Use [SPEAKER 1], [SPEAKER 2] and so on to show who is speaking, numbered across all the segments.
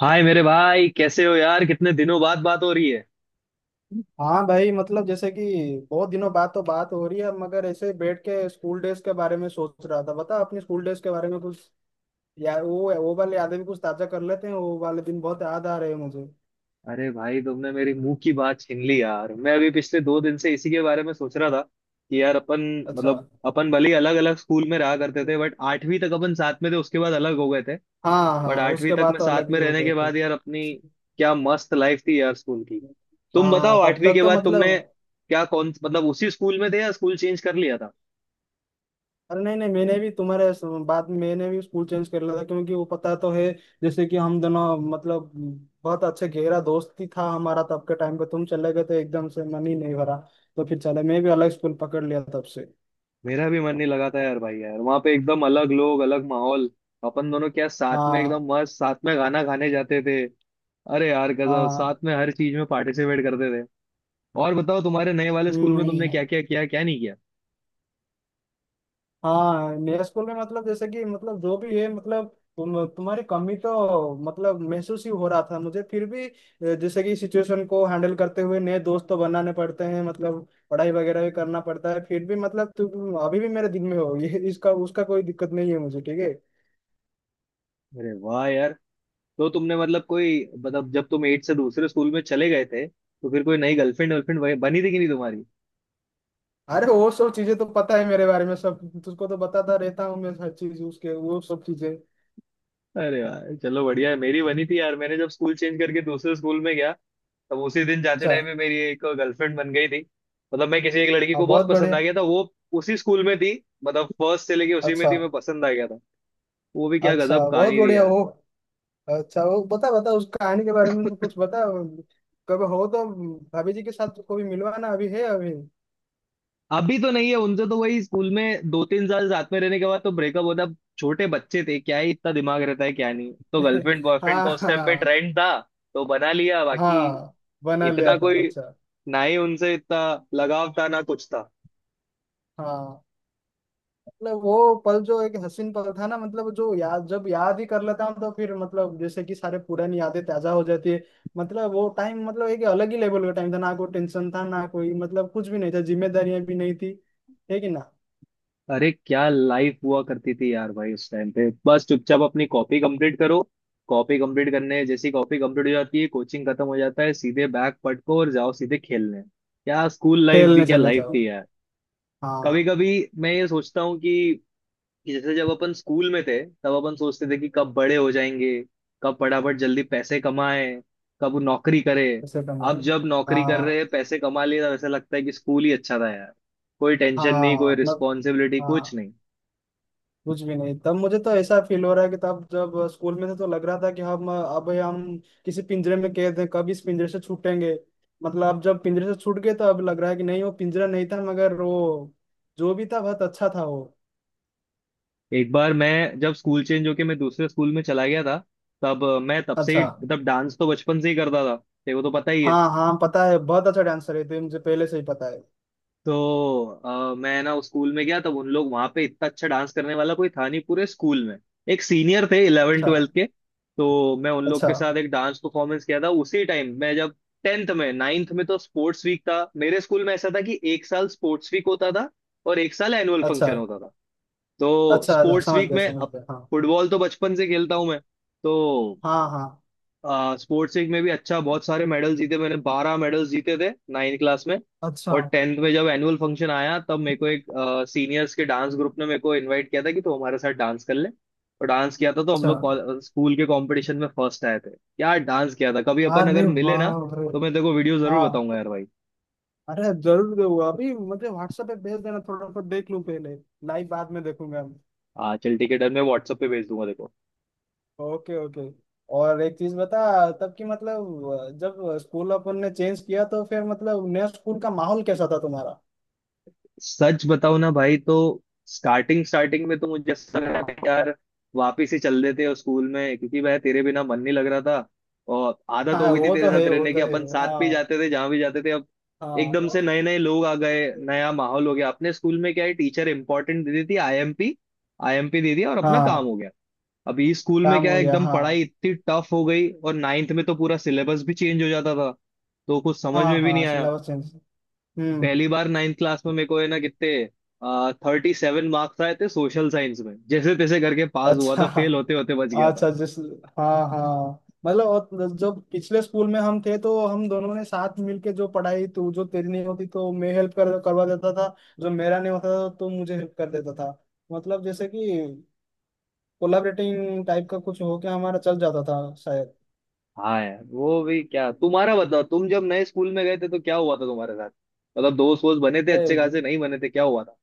[SPEAKER 1] हाय मेरे भाई, कैसे हो यार? कितने दिनों बाद बात हो रही है।
[SPEAKER 2] हाँ भाई, मतलब जैसे कि बहुत दिनों बाद तो बात हो रही है, मगर ऐसे बैठ के स्कूल डेज के बारे में सोच रहा था। बता अपने स्कूल डेज के बारे में कुछ, या वो वाले यादें भी कुछ ताजा कर लेते हैं। वो वाले दिन बहुत याद आ रहे हैं मुझे।
[SPEAKER 1] अरे भाई, तुमने मेरी मुंह की बात छीन ली यार, मैं अभी पिछले 2 दिन से इसी के बारे में सोच रहा था कि यार अपन,
[SPEAKER 2] अच्छा।
[SPEAKER 1] मतलब अपन भले ही अलग अलग स्कूल में रहा करते थे बट आठवीं तक अपन साथ में थे, उसके बाद अलग हो गए थे।
[SPEAKER 2] हाँ
[SPEAKER 1] बट
[SPEAKER 2] हाँ,
[SPEAKER 1] आठवीं
[SPEAKER 2] उसके
[SPEAKER 1] तक
[SPEAKER 2] बाद
[SPEAKER 1] में
[SPEAKER 2] तो
[SPEAKER 1] साथ
[SPEAKER 2] अलग
[SPEAKER 1] में
[SPEAKER 2] ही हो
[SPEAKER 1] रहने
[SPEAKER 2] गए
[SPEAKER 1] के
[SPEAKER 2] थे।
[SPEAKER 1] बाद यार अपनी क्या मस्त लाइफ थी यार स्कूल की। तुम
[SPEAKER 2] हाँ,
[SPEAKER 1] बताओ
[SPEAKER 2] तब
[SPEAKER 1] आठवीं
[SPEAKER 2] तक
[SPEAKER 1] के
[SPEAKER 2] तो
[SPEAKER 1] बाद
[SPEAKER 2] मतलब।
[SPEAKER 1] तुमने क्या, कौन, मतलब उसी स्कूल में थे या स्कूल चेंज कर लिया था?
[SPEAKER 2] अरे नहीं नहीं, मैंने भी तुम्हारे बाद में मैंने भी स्कूल चेंज कर लिया था, क्योंकि वो पता तो है। जैसे कि हम दोनों, मतलब बहुत अच्छे गहरा दोस्ती था हमारा, तब के टाइम पे तुम चले गए तो एकदम से मन ही नहीं भरा। तो फिर चले, मैं भी अलग स्कूल पकड़ लिया तब से।
[SPEAKER 1] मेरा भी मन नहीं लगा था यार भाई, यार वहां पे एकदम अलग लोग, अलग माहौल। अपन दोनों क्या साथ में
[SPEAKER 2] हाँ
[SPEAKER 1] एकदम मस्त, साथ में गाना गाने जाते थे। अरे यार गजब,
[SPEAKER 2] हाँ।
[SPEAKER 1] साथ में हर चीज में पार्टिसिपेट करते थे। और बताओ तुम्हारे नए वाले स्कूल में तुमने
[SPEAKER 2] हम्म।
[SPEAKER 1] क्या क्या किया, क्या नहीं किया?
[SPEAKER 2] हाँ, मेरे स्कूल में, मतलब जैसे कि, मतलब जो भी है, मतलब तुम्हारी कमी तो मतलब महसूस ही हो रहा था मुझे, फिर भी जैसे कि सिचुएशन को हैंडल करते हुए नए दोस्त तो बनाने पड़ते हैं, मतलब पढ़ाई वगैरह भी करना पड़ता है। फिर भी मतलब तुम अभी भी मेरे दिल में हो, ये इसका उसका कोई दिक्कत नहीं है मुझे, ठीक है।
[SPEAKER 1] अरे वाह यार। तो तुमने मतलब कोई, मतलब जब तुम एट से दूसरे स्कूल में चले गए थे तो फिर कोई नई गर्लफ्रेंड वर्लफ्रेंड बनी थी कि नहीं तुम्हारी?
[SPEAKER 2] अरे वो सब चीजें तो पता है मेरे बारे में सब। तुझको तो बताता रहता हूँ मैं हर चीज, उसके वो सब चीजें।
[SPEAKER 1] अरे यार चलो बढ़िया है। मेरी बनी थी यार, मैंने जब स्कूल चेंज करके दूसरे स्कूल में गया, तब उसी दिन जाते
[SPEAKER 2] अच्छा।
[SPEAKER 1] टाइम में मेरी एक गर्लफ्रेंड बन गई थी। मतलब मैं किसी एक लड़की
[SPEAKER 2] हाँ
[SPEAKER 1] को बहुत
[SPEAKER 2] बहुत
[SPEAKER 1] पसंद
[SPEAKER 2] बढ़िया।
[SPEAKER 1] आ गया था। वो उसी स्कूल में थी, मतलब फर्स्ट से लेके उसी में
[SPEAKER 2] अच्छा।
[SPEAKER 1] थी, मैं पसंद आ गया था। वो भी क्या
[SPEAKER 2] अच्छा
[SPEAKER 1] गजब
[SPEAKER 2] बहुत
[SPEAKER 1] कहानी थी
[SPEAKER 2] बढ़िया,
[SPEAKER 1] यार।
[SPEAKER 2] ओ। अच्छा, वो बता बता उस कहानी के बारे में तो कुछ बता। कभी हो तो भाभी जी के साथ कभी मिलवाना, अभी है अभी।
[SPEAKER 1] अभी तो नहीं है, उनसे तो वही स्कूल में 2-3 साल साथ में रहने के बाद तो ब्रेकअप होता। अब छोटे बच्चे थे, क्या ही इतना दिमाग रहता है, क्या नहीं, तो गर्लफ्रेंड बॉयफ्रेंड का
[SPEAKER 2] हाँ
[SPEAKER 1] उस टाइम पे
[SPEAKER 2] हाँ।
[SPEAKER 1] ट्रेंड था तो बना लिया बाकी।
[SPEAKER 2] हाँ, बना लिया
[SPEAKER 1] इतना
[SPEAKER 2] था,
[SPEAKER 1] कोई,
[SPEAKER 2] अच्छा।
[SPEAKER 1] ना ही उनसे इतना लगाव था ना कुछ था।
[SPEAKER 2] हाँ, मतलब वो पल जो एक हसीन पल था ना, मतलब जो याद जब याद ही कर लेता हूँ, तो फिर मतलब जैसे कि सारे पुरानी यादें ताजा हो जाती है। मतलब वो टाइम, मतलब एक अलग ही लेवल का टाइम था, ना कोई टेंशन था, ना कोई, मतलब कुछ भी नहीं था, जिम्मेदारियां भी नहीं थी। है कि ना।
[SPEAKER 1] अरे क्या लाइफ हुआ करती थी यार भाई उस टाइम पे, बस चुपचाप अपनी कॉपी कंप्लीट करो। कॉपी कंप्लीट करने जैसी कॉपी कंप्लीट हो जाती है, कोचिंग खत्म हो जाता है, सीधे बैग पटको और जाओ सीधे खेलने। क्या स्कूल लाइफ भी
[SPEAKER 2] खेलने
[SPEAKER 1] क्या
[SPEAKER 2] चले
[SPEAKER 1] लाइफ
[SPEAKER 2] जाओ।
[SPEAKER 1] थी यार। कभी
[SPEAKER 2] हाँ।
[SPEAKER 1] कभी मैं ये सोचता हूँ कि जैसे जब अपन स्कूल में थे तब अपन सोचते थे कि कब बड़े हो जाएंगे, कब फटाफट जल्दी पैसे कमाए, कब नौकरी करे।
[SPEAKER 2] ऐसे टाइम।
[SPEAKER 1] अब जब नौकरी कर
[SPEAKER 2] हाँ
[SPEAKER 1] रहे हैं, पैसे कमा लिए, तब ऐसा लगता है कि स्कूल ही अच्छा था यार। कोई टेंशन नहीं,
[SPEAKER 2] हाँ
[SPEAKER 1] कोई
[SPEAKER 2] मतलब।
[SPEAKER 1] रिस्पॉन्सिबिलिटी, कुछ
[SPEAKER 2] हाँ।
[SPEAKER 1] नहीं।
[SPEAKER 2] कुछ भी नहीं तब, मुझे तो ऐसा फील हो रहा है कि तब जब स्कूल में थे तो लग रहा था कि हम, अब हम किसी पिंजरे में कैद हैं, कब इस पिंजरे से छूटेंगे। मतलब अब जब पिंजरे से छूट गए तो अब लग रहा है कि नहीं, वो पिंजरा नहीं था, मगर वो जो भी था बहुत अच्छा था वो।
[SPEAKER 1] एक बार मैं जब स्कूल चेंज होके मैं दूसरे स्कूल में चला गया था, तब मैं तब से
[SPEAKER 2] अच्छा।
[SPEAKER 1] ही मतलब डांस तो बचपन से ही करता था, तेरे को तो पता ही है।
[SPEAKER 2] हाँ हाँ, पता है, बहुत अच्छा डांसर है, तो ये मुझे पहले से ही पता है।
[SPEAKER 1] तो मैं ना उस स्कूल में गया तब उन लोग वहां पे इतना अच्छा डांस करने वाला कोई था नहीं पूरे स्कूल में। एक सीनियर थे इलेवन
[SPEAKER 2] अच्छा।
[SPEAKER 1] ट्वेल्थ के, तो मैं उन लोग
[SPEAKER 2] अच्छा।
[SPEAKER 1] के साथ एक डांस परफॉर्मेंस किया था उसी टाइम। मैं जब टेंथ में नाइन्थ में तो स्पोर्ट्स वीक था, मेरे स्कूल में ऐसा था कि एक साल स्पोर्ट्स वीक होता था और एक साल एनुअल
[SPEAKER 2] अच्छा।
[SPEAKER 1] फंक्शन होता था। तो
[SPEAKER 2] अच्छा अच्छा,
[SPEAKER 1] स्पोर्ट्स
[SPEAKER 2] समझ
[SPEAKER 1] वीक
[SPEAKER 2] गया
[SPEAKER 1] में,
[SPEAKER 2] समझ
[SPEAKER 1] अब
[SPEAKER 2] गया, हाँ।
[SPEAKER 1] फुटबॉल तो बचपन से खेलता हूं मैं, तो
[SPEAKER 2] हाँ हाँ।
[SPEAKER 1] स्पोर्ट्स वीक में भी अच्छा बहुत सारे मेडल जीते, मैंने 12 मेडल्स जीते थे नाइन्थ क्लास में।
[SPEAKER 2] अच्छा।
[SPEAKER 1] और टेंथ में जब एनुअल फंक्शन आया तब मेरे को एक सीनियर्स के डांस ग्रुप ने मेरे को इनवाइट किया था कि तू हमारे साथ डांस कर ले, और डांस किया था तो हम
[SPEAKER 2] अच्छा।
[SPEAKER 1] लोग स्कूल के कंपटीशन में फर्स्ट आए थे। यार डांस किया था, कभी अपन अगर
[SPEAKER 2] अरे
[SPEAKER 1] मिले ना
[SPEAKER 2] वाह रे।
[SPEAKER 1] तो मैं तेरे को वीडियो
[SPEAKER 2] हाँ।
[SPEAKER 1] जरूर बताऊंगा यार भाई।
[SPEAKER 2] अरे जरूर दूंगा, अभी मुझे व्हाट्सएप पे भेज देना, थोड़ा सा देख लूं पहले। लाइव बाद में देखूंगा।
[SPEAKER 1] हाँ चल ठीक है डन, मैं व्हाट्सएप पे भेज दूंगा देखो।
[SPEAKER 2] Okay okay. और एक चीज बता, तब की, मतलब जब स्कूल अपन ने चेंज किया तो फिर मतलब नया स्कूल का माहौल कैसा था तुम्हारा।
[SPEAKER 1] सच बताओ ना भाई, तो स्टार्टिंग स्टार्टिंग में तो मुझे ऐसा लग रहा था कि यार वापिस ही चल देते हो स्कूल में, क्योंकि वह तेरे बिना मन नहीं लग रहा था और आदत हो
[SPEAKER 2] हाँ,
[SPEAKER 1] गई थी
[SPEAKER 2] वो
[SPEAKER 1] तेरे
[SPEAKER 2] तो
[SPEAKER 1] साथ
[SPEAKER 2] है वो
[SPEAKER 1] रहने की,
[SPEAKER 2] तो है,
[SPEAKER 1] अपन साथ
[SPEAKER 2] हाँ।
[SPEAKER 1] भी जाते थे जहां भी जाते थे। अब एकदम से
[SPEAKER 2] हाँ
[SPEAKER 1] नए नए लोग आ गए, नया माहौल हो गया, अपने स्कूल में क्या है, टीचर इंपॉर्टेंट दे देती, आईएमपी आईएमपी दे दिया और अपना काम
[SPEAKER 2] हाँ।
[SPEAKER 1] हो गया। अभी स्कूल में
[SPEAKER 2] काम
[SPEAKER 1] क्या
[SPEAKER 2] हो
[SPEAKER 1] है,
[SPEAKER 2] गया,
[SPEAKER 1] एकदम पढ़ाई
[SPEAKER 2] हाँ।
[SPEAKER 1] इतनी टफ हो गई और नाइन्थ में तो पूरा सिलेबस भी चेंज हो जाता था, तो कुछ समझ
[SPEAKER 2] हाँ
[SPEAKER 1] में भी नहीं
[SPEAKER 2] हाँ,
[SPEAKER 1] आया।
[SPEAKER 2] Syllabus change. हम्म।
[SPEAKER 1] पहली बार नाइन्थ क्लास में मेरे को है ना कितने, 37 मार्क्स आए थे सोशल साइंस में, जैसे तैसे करके पास हुआ
[SPEAKER 2] अच्छा।
[SPEAKER 1] था, फेल होते होते बच गया था।
[SPEAKER 2] अच्छा जिस हाँ हाँ, मतलब, और जो पिछले स्कूल में हम थे तो हम दोनों ने साथ मिलके जो पढ़ाई, तू जो तेरी नहीं होती तो मैं हेल्प कर करवा देता था। जो मेरा नहीं होता था तो मुझे हेल्प कर देता था। मतलब जैसे कि कोलाबरेटिंग टाइप का कुछ होके हमारा चल जाता था शायद।
[SPEAKER 1] हाँ यार वो भी क्या। तुम्हारा बताओ, तुम जब नए स्कूल में गए थे तो क्या हुआ था तुम्हारे साथ? मतलब दोस्त वोस्त बने थे अच्छे
[SPEAKER 2] ए,
[SPEAKER 1] खासे, नहीं बने थे, क्या हुआ था?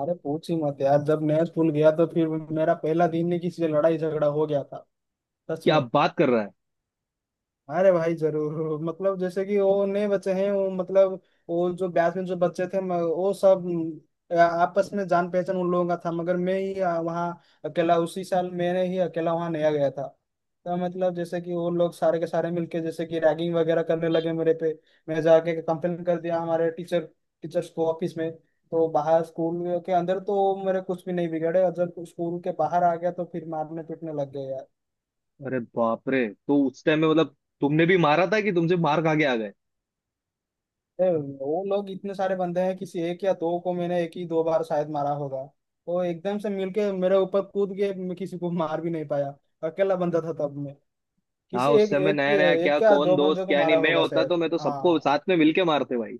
[SPEAKER 2] अरे पूछ ही मत यार, जब नया स्कूल गया तो फिर मेरा पहला दिन ही किसी से लड़ाई झगड़ा हो गया था। सच
[SPEAKER 1] क्या
[SPEAKER 2] में।
[SPEAKER 1] बात कर रहा है।
[SPEAKER 2] अरे भाई जरूर, मतलब जैसे कि वो नए बच्चे हैं, वो मतलब वो जो बैच में जो बच्चे थे वो सब आपस में जान पहचान उन लोगों का था, मगर मैं ही वहाँ अकेला, उसी साल मैंने ही अकेला वहाँ नया गया था। तो मतलब जैसे कि वो लोग सारे के सारे मिलके जैसे कि रैगिंग वगैरह करने लगे मेरे पे। मैं जाके कंप्लेन कर दिया हमारे टीचर्स को ऑफिस में। तो बाहर, स्कूल के अंदर तो मेरे कुछ भी नहीं बिगड़े, और जब स्कूल के बाहर आ गया तो फिर मारने पीटने लग गए।
[SPEAKER 1] अरे बाप रे, तो उस टाइम में मतलब तुमने भी मारा था कि तुमसे मार खा के आ गए?
[SPEAKER 2] ए, वो लोग इतने सारे बंदे हैं, किसी एक या दो को मैंने एक ही दो बार शायद मारा होगा। वो एकदम से मिलके मेरे ऊपर कूद के, मैं किसी को मार भी नहीं पाया। अकेला बंदा था तब मैं।
[SPEAKER 1] हाँ
[SPEAKER 2] किसी
[SPEAKER 1] उस
[SPEAKER 2] एक
[SPEAKER 1] समय
[SPEAKER 2] एक
[SPEAKER 1] नया नया क्या
[SPEAKER 2] एक या
[SPEAKER 1] कौन
[SPEAKER 2] दो
[SPEAKER 1] दोस्त
[SPEAKER 2] बंदे को
[SPEAKER 1] क्या नहीं,
[SPEAKER 2] मारा
[SPEAKER 1] मैं
[SPEAKER 2] होगा
[SPEAKER 1] होता तो
[SPEAKER 2] शायद।
[SPEAKER 1] मैं तो सबको
[SPEAKER 2] हाँ
[SPEAKER 1] साथ में मिलके मारते भाई।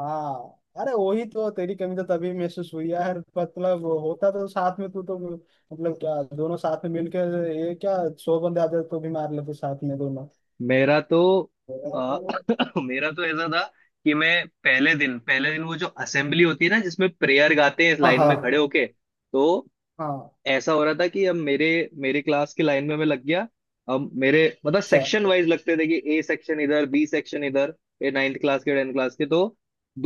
[SPEAKER 2] हाँ। अरे वही तो, तेरी कमी तो तभी महसूस हुई यार, मतलब वो होता तो साथ में तू तो, मतलब क्या दोनों साथ में मिलके, ये क्या 100 बंदे आते तो भी मार लेते साथ में दोनों।
[SPEAKER 1] मेरा तो मेरा तो ऐसा था कि मैं पहले दिन, पहले दिन वो जो असेंबली होती है ना, जिसमें प्रेयर गाते हैं, इस
[SPEAKER 2] हाँ
[SPEAKER 1] लाइन में खड़े
[SPEAKER 2] हाँ
[SPEAKER 1] होके, तो
[SPEAKER 2] हाँ।
[SPEAKER 1] ऐसा हो रहा था कि अब मेरे मेरे क्लास की लाइन में मैं लग गया। अब मेरे मतलब
[SPEAKER 2] अच्छा।
[SPEAKER 1] सेक्शन वाइज लगते थे कि ए सेक्शन इधर, बी सेक्शन इधर, ये नाइन्थ क्लास के, टेंथ क्लास के। तो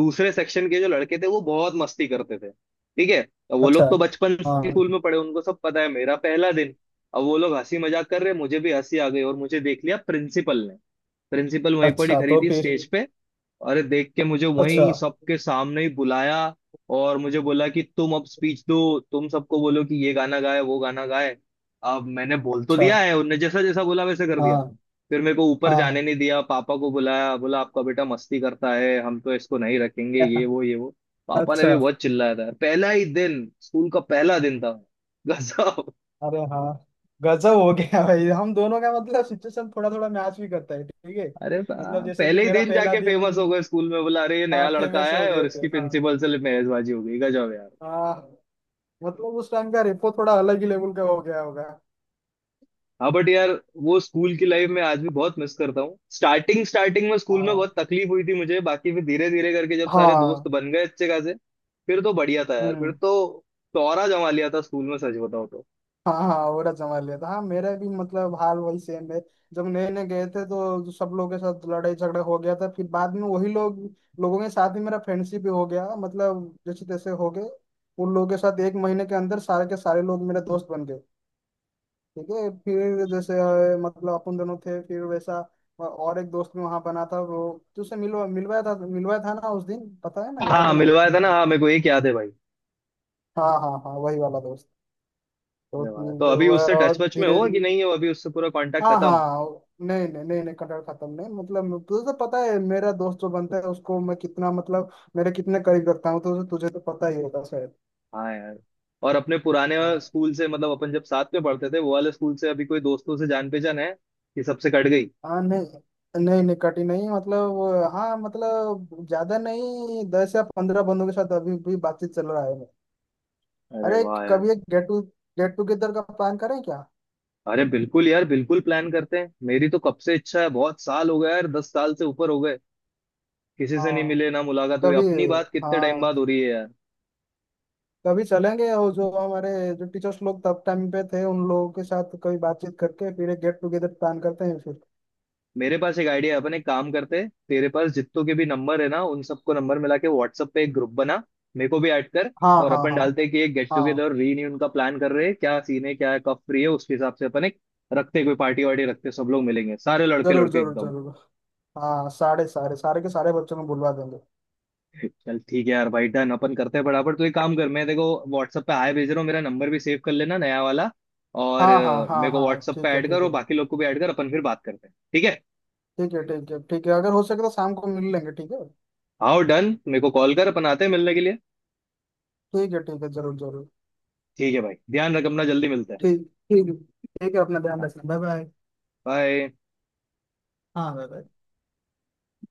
[SPEAKER 1] दूसरे सेक्शन के जो लड़के थे वो बहुत मस्ती करते थे, ठीक है, अब वो
[SPEAKER 2] अच्छा।
[SPEAKER 1] लोग तो बचपन से
[SPEAKER 2] हाँ।
[SPEAKER 1] स्कूल में पढ़े, उनको सब पता है, मेरा पहला दिन। अब वो लोग हंसी मजाक कर रहे, मुझे भी हंसी आ गई और मुझे देख लिया प्रिंसिपल ने। प्रिंसिपल वहीं पर ही
[SPEAKER 2] अच्छा,
[SPEAKER 1] खड़ी
[SPEAKER 2] तो
[SPEAKER 1] थी
[SPEAKER 2] फिर
[SPEAKER 1] स्टेज पे, अरे देख के मुझे
[SPEAKER 2] अच्छा।
[SPEAKER 1] वहीं सबके सामने ही बुलाया और मुझे बोला कि तुम अब स्पीच दो, तुम सबको बोलो कि ये गाना गाए वो गाना गाए। अब मैंने बोल तो
[SPEAKER 2] अच्छा।
[SPEAKER 1] दिया है, उनने जैसा जैसा बोला वैसे कर दिया।
[SPEAKER 2] हाँ
[SPEAKER 1] फिर मेरे को ऊपर
[SPEAKER 2] हाँ।
[SPEAKER 1] जाने नहीं दिया, पापा को बुलाया, बोला आपका बेटा मस्ती करता है, हम तो इसको नहीं रखेंगे, ये वो ये वो। पापा ने भी
[SPEAKER 2] अच्छा।
[SPEAKER 1] बहुत चिल्लाया था, पहला ही दिन, स्कूल का पहला दिन था। गजब।
[SPEAKER 2] अरे हाँ, गजब हो गया भाई, हम दोनों का मतलब सिचुएशन थोड़ा थोड़ा मैच भी करता है, ठीक है।
[SPEAKER 1] अरे
[SPEAKER 2] मतलब जैसे कि
[SPEAKER 1] पहले ही
[SPEAKER 2] मेरा
[SPEAKER 1] दिन
[SPEAKER 2] पहला
[SPEAKER 1] जाके
[SPEAKER 2] दिन।
[SPEAKER 1] फेमस हो गए स्कूल में, बोला अरे ये नया
[SPEAKER 2] हाँ
[SPEAKER 1] लड़का
[SPEAKER 2] फेमस
[SPEAKER 1] आया
[SPEAKER 2] हो
[SPEAKER 1] है और
[SPEAKER 2] गए थे,
[SPEAKER 1] इसकी
[SPEAKER 2] हाँ।
[SPEAKER 1] प्रिंसिपल से मेहजबाजी हो गई, गजब यार।
[SPEAKER 2] हाँ। मतलब उस टाइम का रेपो थोड़ा अलग ही लेवल का हो गया होगा।
[SPEAKER 1] हाँ बट यार वो स्कूल की लाइफ में आज भी बहुत मिस करता हूँ। स्टार्टिंग स्टार्टिंग में स्कूल में
[SPEAKER 2] हाँ
[SPEAKER 1] बहुत तकलीफ हुई थी मुझे, बाकी फिर धीरे धीरे करके जब सारे
[SPEAKER 2] हाँ।
[SPEAKER 1] दोस्त बन गए अच्छे खासे, फिर तो बढ़िया था यार, फिर
[SPEAKER 2] हम्म।
[SPEAKER 1] तो तौरा जमा लिया था स्कूल में, सच बताओ तो।
[SPEAKER 2] हाँ हाँ, औरत संभाल लिया था। हाँ, मेरा भी मतलब हाल वही सेम है। जब नए नए गए थे तो सब लोगों के साथ लड़ाई झगड़ा हो गया था, फिर बाद में वही लोग, लोगों के साथ ही मेरा फ्रेंडशिप भी हो गया, मतलब जैसे तैसे हो गए। उन लोगों के साथ एक महीने के अंदर सारे के सारे लोग मेरे दोस्त बन गए। ठीक है, फिर जैसे मतलब अपन दोनों थे फिर वैसा। और एक दोस्त भी वहां बना था, वो तुझसे मिलवाया था, मिलवाया था ना उस दिन, पता है ना, याद
[SPEAKER 1] हाँ
[SPEAKER 2] है ना
[SPEAKER 1] मिलवाया था
[SPEAKER 2] तेरे
[SPEAKER 1] ना,
[SPEAKER 2] को।
[SPEAKER 1] हाँ मेरे को एक याद है भाई
[SPEAKER 2] हाँ हाँ हाँ, वही वाला दोस्त। तो
[SPEAKER 1] मिलवाया। तो
[SPEAKER 2] फिर
[SPEAKER 1] अभी उससे
[SPEAKER 2] वह
[SPEAKER 1] टच वच में
[SPEAKER 2] धीरे।
[SPEAKER 1] हो कि नहीं हो, अभी उससे पूरा कांटेक्ट
[SPEAKER 2] हाँ
[SPEAKER 1] खत्म?
[SPEAKER 2] हाँ, नहीं नहीं नहीं नहीं, कटहल खत्म नहीं, मतलब तुझे तो पता है मेरा दोस्त जो बनता है उसको मैं कितना, मतलब मेरे कितने करीब रखता हूँ, तो तुझे तो पता ही होगा शायद।
[SPEAKER 1] हाँ यार, और अपने पुराने
[SPEAKER 2] हाँ।
[SPEAKER 1] स्कूल से मतलब अपन जब साथ में पढ़ते थे वो वाले स्कूल से अभी कोई दोस्तों से जान पहचान है कि सबसे कट गई?
[SPEAKER 2] हाँ नहीं नहीं नहीं, कटी नहीं, मतलब हाँ, मतलब ज्यादा नहीं, 10 या 15 बंदों के साथ अभी भी बातचीत चल रहा है।
[SPEAKER 1] अरे
[SPEAKER 2] अरे
[SPEAKER 1] वाह यार।
[SPEAKER 2] कभी एक गेट टुगेदर का प्लान करें क्या।
[SPEAKER 1] अरे बिल्कुल यार, बिल्कुल प्लान करते हैं, मेरी तो कब से इच्छा है, बहुत साल हो गए यार, 10 साल से ऊपर हो गए, किसी से नहीं
[SPEAKER 2] हाँ।
[SPEAKER 1] मिले ना मुलाकात हुई।
[SPEAKER 2] कभी।
[SPEAKER 1] अपनी बात कितने टाइम
[SPEAKER 2] हाँ।
[SPEAKER 1] बाद हो रही है यार।
[SPEAKER 2] कभी चलेंगे, और जो हमारे जो टीचर्स लोग तब टाइम पे थे उन लोगों के साथ कभी बातचीत करके फिर एक गेट टुगेदर प्लान करते हैं फिर।
[SPEAKER 1] मेरे पास एक आइडिया है, अपन एक काम करते हैं, तेरे पास जितनों के भी नंबर है ना, उन सबको नंबर मिला के व्हाट्सएप पे एक ग्रुप बना, मेरे को भी ऐड कर।
[SPEAKER 2] हाँ
[SPEAKER 1] और
[SPEAKER 2] हाँ
[SPEAKER 1] अपन
[SPEAKER 2] हाँ
[SPEAKER 1] डालते हैं कि एक गेट
[SPEAKER 2] हाँ।
[SPEAKER 1] टुगेदर रीयूनियन का प्लान कर रहे हैं, क्या सीन है क्या है, कब फ्री है, उसके हिसाब से अपन एक रखते हैं, कोई पार्टी वार्टी रखते हैं, सब लोग मिलेंगे सारे लड़के
[SPEAKER 2] जरूर
[SPEAKER 1] लड़के
[SPEAKER 2] जरूर
[SPEAKER 1] एकदम।
[SPEAKER 2] जरूर। हाँ, सारे सारे सारे के सारे बच्चों को बुलवा देंगे।
[SPEAKER 1] चल ठीक है यार भाई डन, अपन करते हैं बराबर। तो एक काम कर, मैं देखो व्हाट्सअप पे हाय भेज रहा हूँ, मेरा नंबर भी सेव कर लेना नया वाला। और
[SPEAKER 2] हाँ हाँ हाँ
[SPEAKER 1] मेरे को
[SPEAKER 2] हाँ,
[SPEAKER 1] व्हाट्सअप पे
[SPEAKER 2] ठीक है
[SPEAKER 1] ऐड कर
[SPEAKER 2] ठीक
[SPEAKER 1] और
[SPEAKER 2] है।
[SPEAKER 1] बाकी लोग को भी ऐड कर, अपन फिर बात करते हैं ठीक है।
[SPEAKER 2] ठीक है ठीक है ठीक है, अगर हो सके तो शाम को मिल लेंगे, ठीक है।
[SPEAKER 1] आओ डन, मेरे को कॉल कर, अपन आते हैं मिलने के लिए।
[SPEAKER 2] ठीक है ठीक है जरूर जरूर।
[SPEAKER 1] ठीक है भाई, ध्यान रख अपना, जल्दी मिलते
[SPEAKER 2] ठीक। ठीक है ठीक है, अपना ध्यान
[SPEAKER 1] हैं।
[SPEAKER 2] रखना, बाय बाय।
[SPEAKER 1] बाय।
[SPEAKER 2] हाँ बाय बाय।